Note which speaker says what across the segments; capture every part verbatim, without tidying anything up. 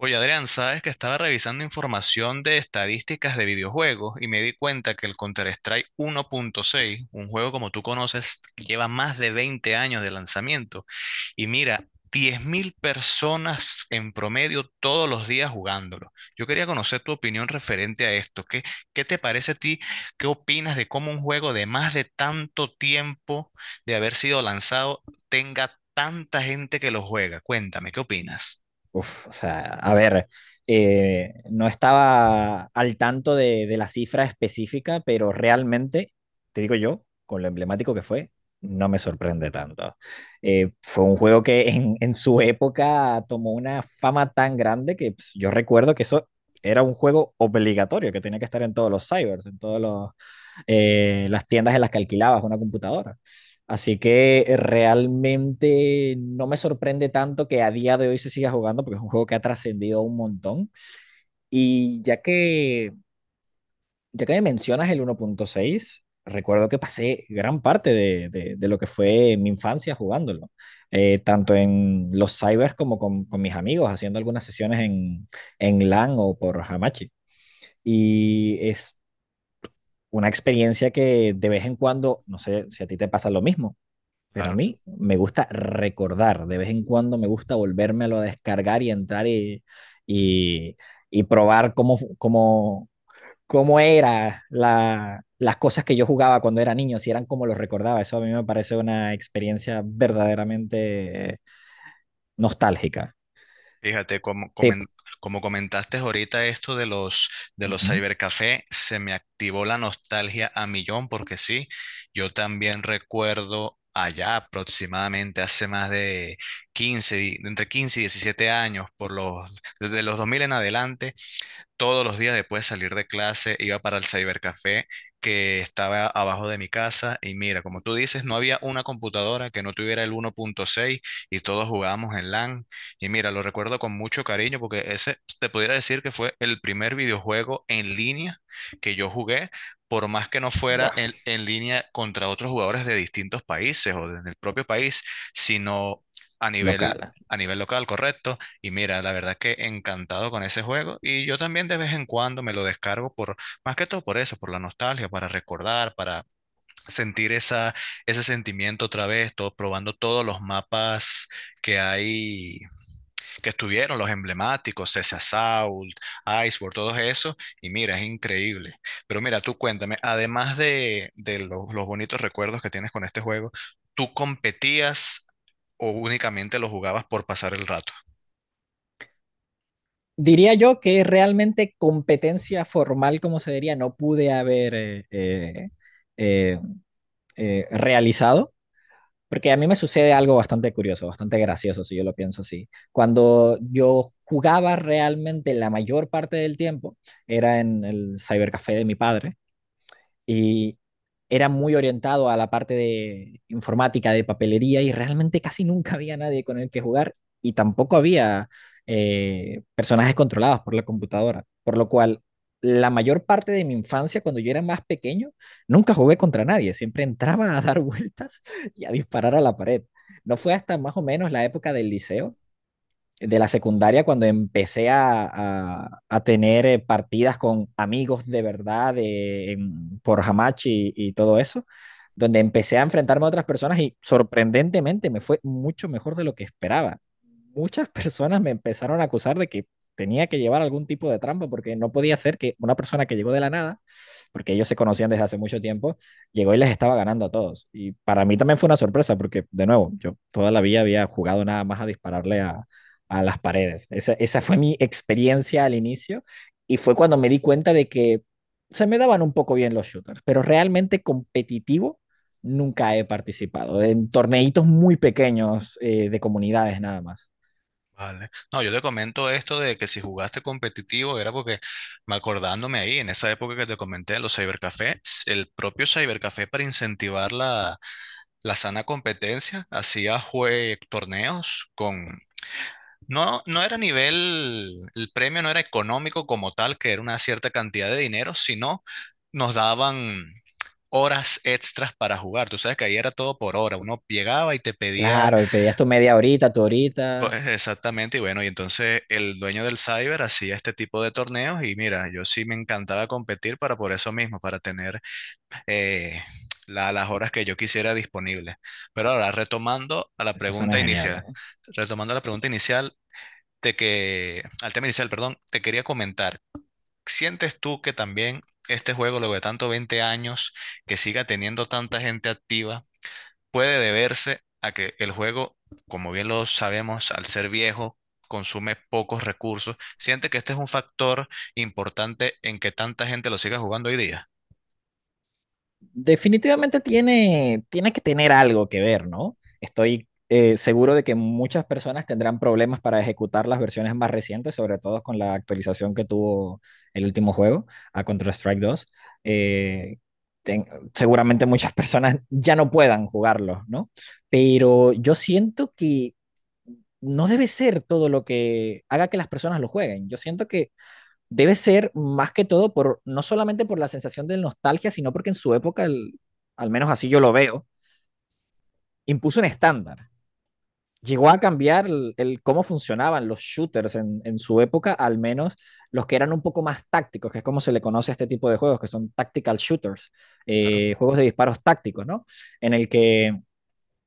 Speaker 1: Oye, Adrián, sabes que estaba revisando información de estadísticas de videojuegos y me di cuenta que el Counter-Strike uno punto seis, un juego como tú conoces, lleva más de veinte años de lanzamiento. Y mira, diez mil personas en promedio todos los días jugándolo. Yo quería conocer tu opinión referente a esto. ¿Qué, qué te parece a ti? ¿Qué opinas de cómo un juego de más de tanto tiempo de haber sido lanzado tenga tanta gente que lo juega? Cuéntame, ¿qué opinas?
Speaker 2: Uf, o sea, a ver, eh, no estaba al tanto de, de la cifra específica, pero realmente, te digo yo, con lo emblemático que fue, no me sorprende tanto. Eh, fue un juego que en, en su época tomó una fama tan grande que pues, yo recuerdo que eso era un juego obligatorio, que tenía que estar en todos los cybers, en todos los, eh, las tiendas en las que alquilabas una computadora. Así que eh, realmente no me sorprende tanto que a día de hoy se siga jugando porque es un juego que ha trascendido un montón. Y ya que, ya que me mencionas el uno punto seis, recuerdo que pasé gran parte de, de, de, lo que fue mi infancia jugándolo, eh, tanto en los cybers como con, con, mis amigos, haciendo algunas sesiones en, en LAN o por Hamachi. Y es una experiencia que, de vez en cuando, no sé si a ti te pasa lo mismo, pero a mí me gusta recordar; de vez en cuando me gusta volvérmelo a descargar y entrar y, y, y probar cómo, cómo, cómo eran la, las cosas que yo jugaba cuando era niño, si eran como los recordaba. Eso a mí me parece una experiencia verdaderamente nostálgica.
Speaker 1: Fíjate, como,
Speaker 2: Te...
Speaker 1: comen- como comentaste ahorita esto de los, de
Speaker 2: Uh
Speaker 1: los
Speaker 2: -huh.
Speaker 1: cybercafé, se me activó la nostalgia a millón porque sí, yo también recuerdo allá aproximadamente hace más de quince y- entre quince y diecisiete años, por los, desde los dos mil en adelante, todos los días después de salir de clase iba para el cybercafé que estaba abajo de mi casa y mira, como tú dices, no había una computadora que no tuviera el uno punto seis y todos jugábamos en LAN. Y mira, lo recuerdo con mucho cariño porque ese te pudiera decir que fue el primer videojuego en línea que yo jugué, por más que no fuera
Speaker 2: Buah.
Speaker 1: en, en línea contra otros jugadores de distintos países o del propio país, sino a nivel,
Speaker 2: Local.
Speaker 1: a nivel local, correcto. Y mira, la verdad que encantado con ese juego y yo también de vez en cuando me lo descargo por, más que todo por eso, por la nostalgia, para recordar, para sentir esa, ese sentimiento otra vez, todo, probando todos los mapas que hay, que estuvieron, los emblemáticos, ese Assault, Iceborne, todo eso, y mira, es increíble. Pero mira, tú cuéntame, además de, de los, los bonitos recuerdos que tienes con este juego, ¿tú competías o únicamente lo jugabas por pasar el rato?
Speaker 2: Diría yo que realmente competencia formal, como se diría, no pude haber eh, eh, eh, eh, realizado, porque a mí me sucede algo bastante curioso, bastante gracioso, si yo lo pienso así. Cuando yo jugaba realmente la mayor parte del tiempo, era en el cybercafé de mi padre. Y era muy orientado a la parte de informática, de papelería, y realmente casi nunca había nadie con el que jugar, y tampoco había eh, personajes controlados por la computadora, por lo cual la mayor parte de mi infancia, cuando yo era más pequeño, nunca jugué contra nadie; siempre entraba a dar vueltas y a disparar a la pared. No fue hasta más o menos la época del liceo, de la secundaria, cuando empecé a, a- a tener eh, partidas con amigos de verdad, de, en- por Hamachi y, y todo eso, donde empecé a enfrentarme a otras personas y sorprendentemente me fue mucho mejor de lo que esperaba. Muchas personas me empezaron a acusar de que tenía que llevar algún tipo de trampa, porque no podía ser que una persona que llegó de la nada, porque ellos se conocían desde hace mucho tiempo, llegó y les estaba ganando a todos. Y para mí también fue una sorpresa porque, de nuevo, yo toda la vida había jugado nada más a dispararle a a las paredes. Esa, esa fue mi experiencia al inicio, y fue cuando me di cuenta de que se me daban un poco bien los shooters, pero realmente competitivo nunca he participado, en torneitos muy pequeños eh, de comunidades nada más.
Speaker 1: Vale. No, yo te comento esto de que si jugaste competitivo era porque, me acordándome ahí, en esa época que te comenté los cybercafés, el propio cybercafé para incentivar la, la sana competencia hacía jue torneos con... No, no era nivel, el premio no era económico como tal, que era una cierta cantidad de dinero, sino nos daban horas extras para jugar. Tú sabes que ahí era todo por hora. Uno llegaba y te pedía.
Speaker 2: Claro, pedías tu media horita, tu
Speaker 1: Co-
Speaker 2: horita.
Speaker 1: eh, Exactamente, y bueno, y entonces el dueño del cyber hacía este tipo de torneos y mira, yo sí me encantaba competir para por eso mismo, para tener eh, la- las horas que yo quisiera disponibles. Pero ahora, retomando a la
Speaker 2: Eso suena
Speaker 1: pregunta
Speaker 2: genial,
Speaker 1: inicial,
Speaker 2: ¿eh?
Speaker 1: retomando la pregunta inicial de que, al tema inicial, perdón, te quería comentar, ¿sientes tú que también este juego, luego de tanto veinte años, que siga teniendo tanta gente activa? Puede deberse a que el juego, como bien lo sabemos, al ser viejo, consume pocos recursos. ¿Siente que este es un factor importante en que tanta gente lo siga jugando hoy día?
Speaker 2: Definitivamente tiene, tiene que tener algo que ver, ¿no? Estoy eh, seguro de que muchas personas tendrán problemas para ejecutar las versiones más recientes, sobre todo con la actualización que tuvo el último juego, a Counter-Strike dos. Eh, ten- Seguramente muchas personas ya no puedan jugarlo, ¿no? Pero yo siento que no debe ser todo lo que haga que las personas lo jueguen. Yo siento que debe ser, más que todo, por, no solamente por la sensación de nostalgia, sino porque en su época, el, al menos así yo lo veo, impuso un estándar. Llegó a cambiar el, el cómo funcionaban los shooters en, en, su época, al menos los que eran un poco más tácticos, que es como se le conoce a este tipo de juegos, que son tactical shooters,
Speaker 1: Claro,
Speaker 2: eh, juegos de disparos tácticos, ¿no? En el que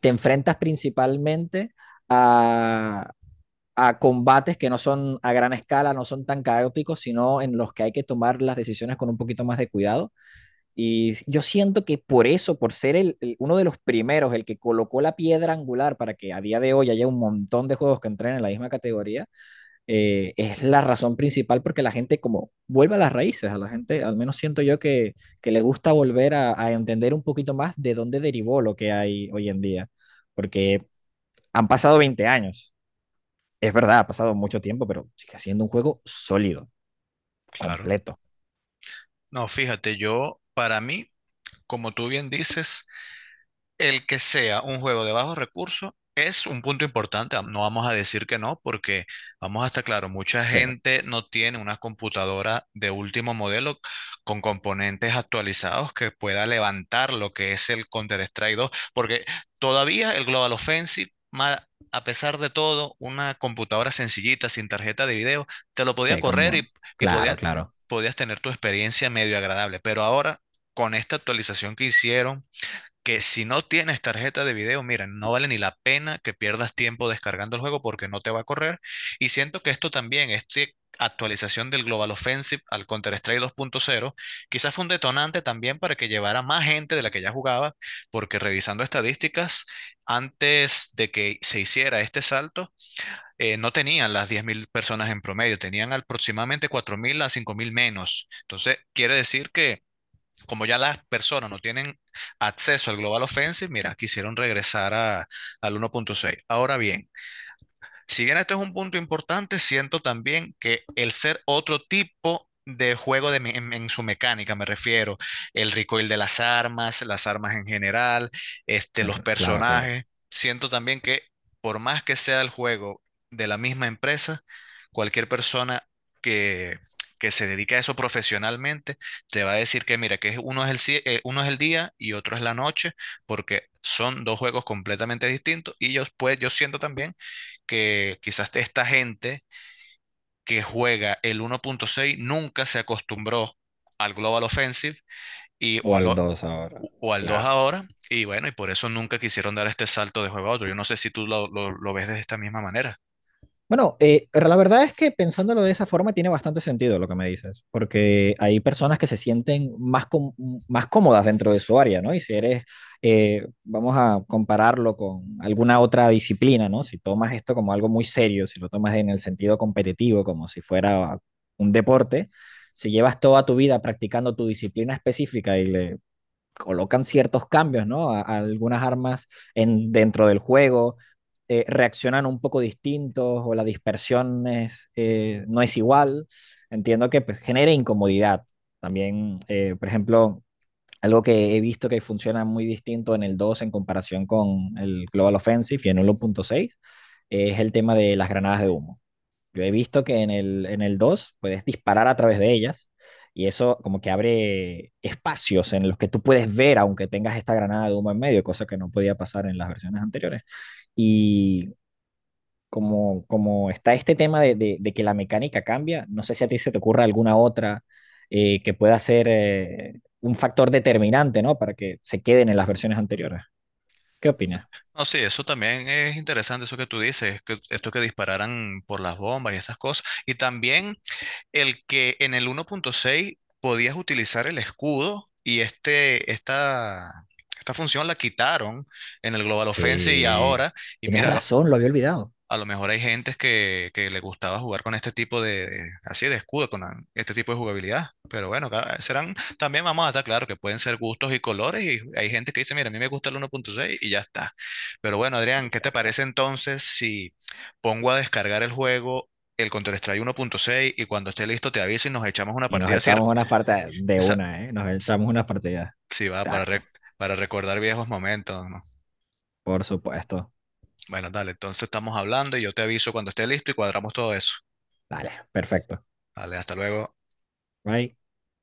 Speaker 2: te enfrentas principalmente a, a combates que no son a gran escala, no son tan caóticos, sino en los que hay que tomar las decisiones con un poquito más de cuidado. Y yo siento que por eso, por ser el, el- uno de los primeros, el que colocó la piedra angular para que a día de hoy haya un montón de juegos que entren en la misma categoría, eh, es la razón principal porque la gente como vuelve a las raíces; a la gente, al menos siento yo, que, que le gusta volver a, a entender un poquito más de dónde derivó lo que hay hoy en día, porque han pasado veinte años, es verdad, ha pasado mucho tiempo, pero sigue siendo un juego sólido,
Speaker 1: claro.
Speaker 2: completo.
Speaker 1: No, fíjate, yo, para mí, como tú bien dices, el que sea un juego de bajos recursos es un punto importante. No vamos a decir que no, porque vamos a estar claro, mucha
Speaker 2: Sí,
Speaker 1: gente no tiene una computadora de último modelo con componentes actualizados que pueda levantar lo que es el Counter-Strike dos, porque todavía el Global Offensive, ma- a pesar de todo, una computadora sencillita, sin tarjeta de video, te lo podía
Speaker 2: sí,
Speaker 1: correr
Speaker 2: como.
Speaker 1: y, y
Speaker 2: Claro,
Speaker 1: podía-
Speaker 2: claro.
Speaker 1: podías tener tu experiencia medio agradable. Pero ahora, con esta actualización que hicieron, que si no tienes tarjeta de video, mira, no vale ni la pena que pierdas tiempo descargando el juego porque no te va a correr. Y siento que esto también, esta actualización del Global Offensive al Counter-Strike dos punto cero, quizás fue un detonante también para que llevara más gente de la que ya jugaba, porque revisando estadísticas, antes de que se hiciera este salto, eh, no tenían las diez mil personas en promedio, tenían aproximadamente cuatro mil a cinco mil menos. Entonces, quiere decir que como ya las personas no tienen acceso al Global Offensive, mira, quisieron regresar a, al uno punto seis. Ahora bien, si bien esto es un punto importante, siento también que el ser otro tipo de juego de me- en, en su mecánica, me refiero, el recoil de las armas, las armas en general, este, los
Speaker 2: Claro, claro.
Speaker 1: personajes, siento también que por más que sea el juego de la misma empresa, cualquier persona que, que se dedica a eso profesionalmente te va a decir que mira, que es- uno es el, ci- eh, uno es el día y otro es la noche, porque son dos juegos completamente distintos y yo, pues, yo siento también que quizás esta gente que juega el uno punto seis nunca se acostumbró al Global Offensive y,
Speaker 2: O
Speaker 1: o, al,
Speaker 2: al
Speaker 1: o,
Speaker 2: dos ahora.
Speaker 1: o al dos
Speaker 2: Claro.
Speaker 1: ahora, y bueno, y por eso nunca quisieron dar este salto de juego a otro. Yo no sé si tú lo, lo, lo ves de esta misma manera.
Speaker 2: Bueno, eh, la verdad es que, pensándolo de esa forma, tiene bastante sentido lo que me dices, porque hay personas que se sienten más, com- más cómodas dentro de su área, ¿no? Y si eres, eh, vamos a compararlo con alguna otra disciplina, ¿no? Si tomas esto como algo muy serio, si lo tomas en el sentido competitivo, como si fuera un deporte, si llevas toda tu vida practicando tu disciplina específica y le colocan ciertos cambios, ¿no? A, a algunas armas, en, dentro del juego, eh, reaccionan un poco distintos, o la dispersión, es, eh, no es igual. Entiendo que pues, genera incomodidad. También, eh, por ejemplo, algo que he visto que funciona muy distinto en el dos en comparación con el Global Offensive y en uno punto seis, es el tema de las granadas de humo. Yo he visto que en el, en el dos puedes disparar a través de ellas, y eso como que abre espacios en los que tú puedes ver aunque tengas esta granada de humo en medio, cosa que no podía pasar en las versiones anteriores. Y como, como está este tema de, de, de que la mecánica cambia, no sé si a ti se te ocurra alguna otra, eh, que pueda ser, eh, un factor determinante, ¿no? Para que se queden en las versiones anteriores. ¿Qué opinas?
Speaker 1: No, sí, eso también es interesante, eso que tú dices, que esto que dispararan por las bombas y esas cosas. Y también el que en el uno punto seis podías utilizar el escudo y este, esta, esta función la quitaron en el Global Offensive y
Speaker 2: Sí,
Speaker 1: ahora, y
Speaker 2: tienes
Speaker 1: mira, lo-
Speaker 2: razón, lo había olvidado.
Speaker 1: a lo mejor hay gentes que, que le gustaba jugar con este tipo de, de- así de escudo, con la- este tipo de jugabilidad. Pero bueno, cada- serán, también vamos a estar claro que pueden ser gustos y colores. Y hay gente que dice, mira, a mí me gusta el uno punto seis y ya está. Pero bueno,
Speaker 2: Y
Speaker 1: Adrián, ¿qué
Speaker 2: ya
Speaker 1: te
Speaker 2: está.
Speaker 1: parece entonces si pongo a descargar el juego, el Counter-Strike uno punto seis y cuando esté listo te aviso y nos echamos una
Speaker 2: Y nos
Speaker 1: partida así?
Speaker 2: echamos unas partidas de
Speaker 1: Esa,
Speaker 2: una, ¿eh? Nos
Speaker 1: si
Speaker 2: echamos unas partidas.
Speaker 1: si va, para, re-
Speaker 2: Taco,
Speaker 1: para recordar viejos momentos, ¿no?
Speaker 2: por supuesto.
Speaker 1: Bueno, dale, entonces estamos hablando y yo te aviso cuando esté listo y cuadramos todo eso.
Speaker 2: Dale, perfecto.
Speaker 1: Dale, hasta luego.
Speaker 2: Bye.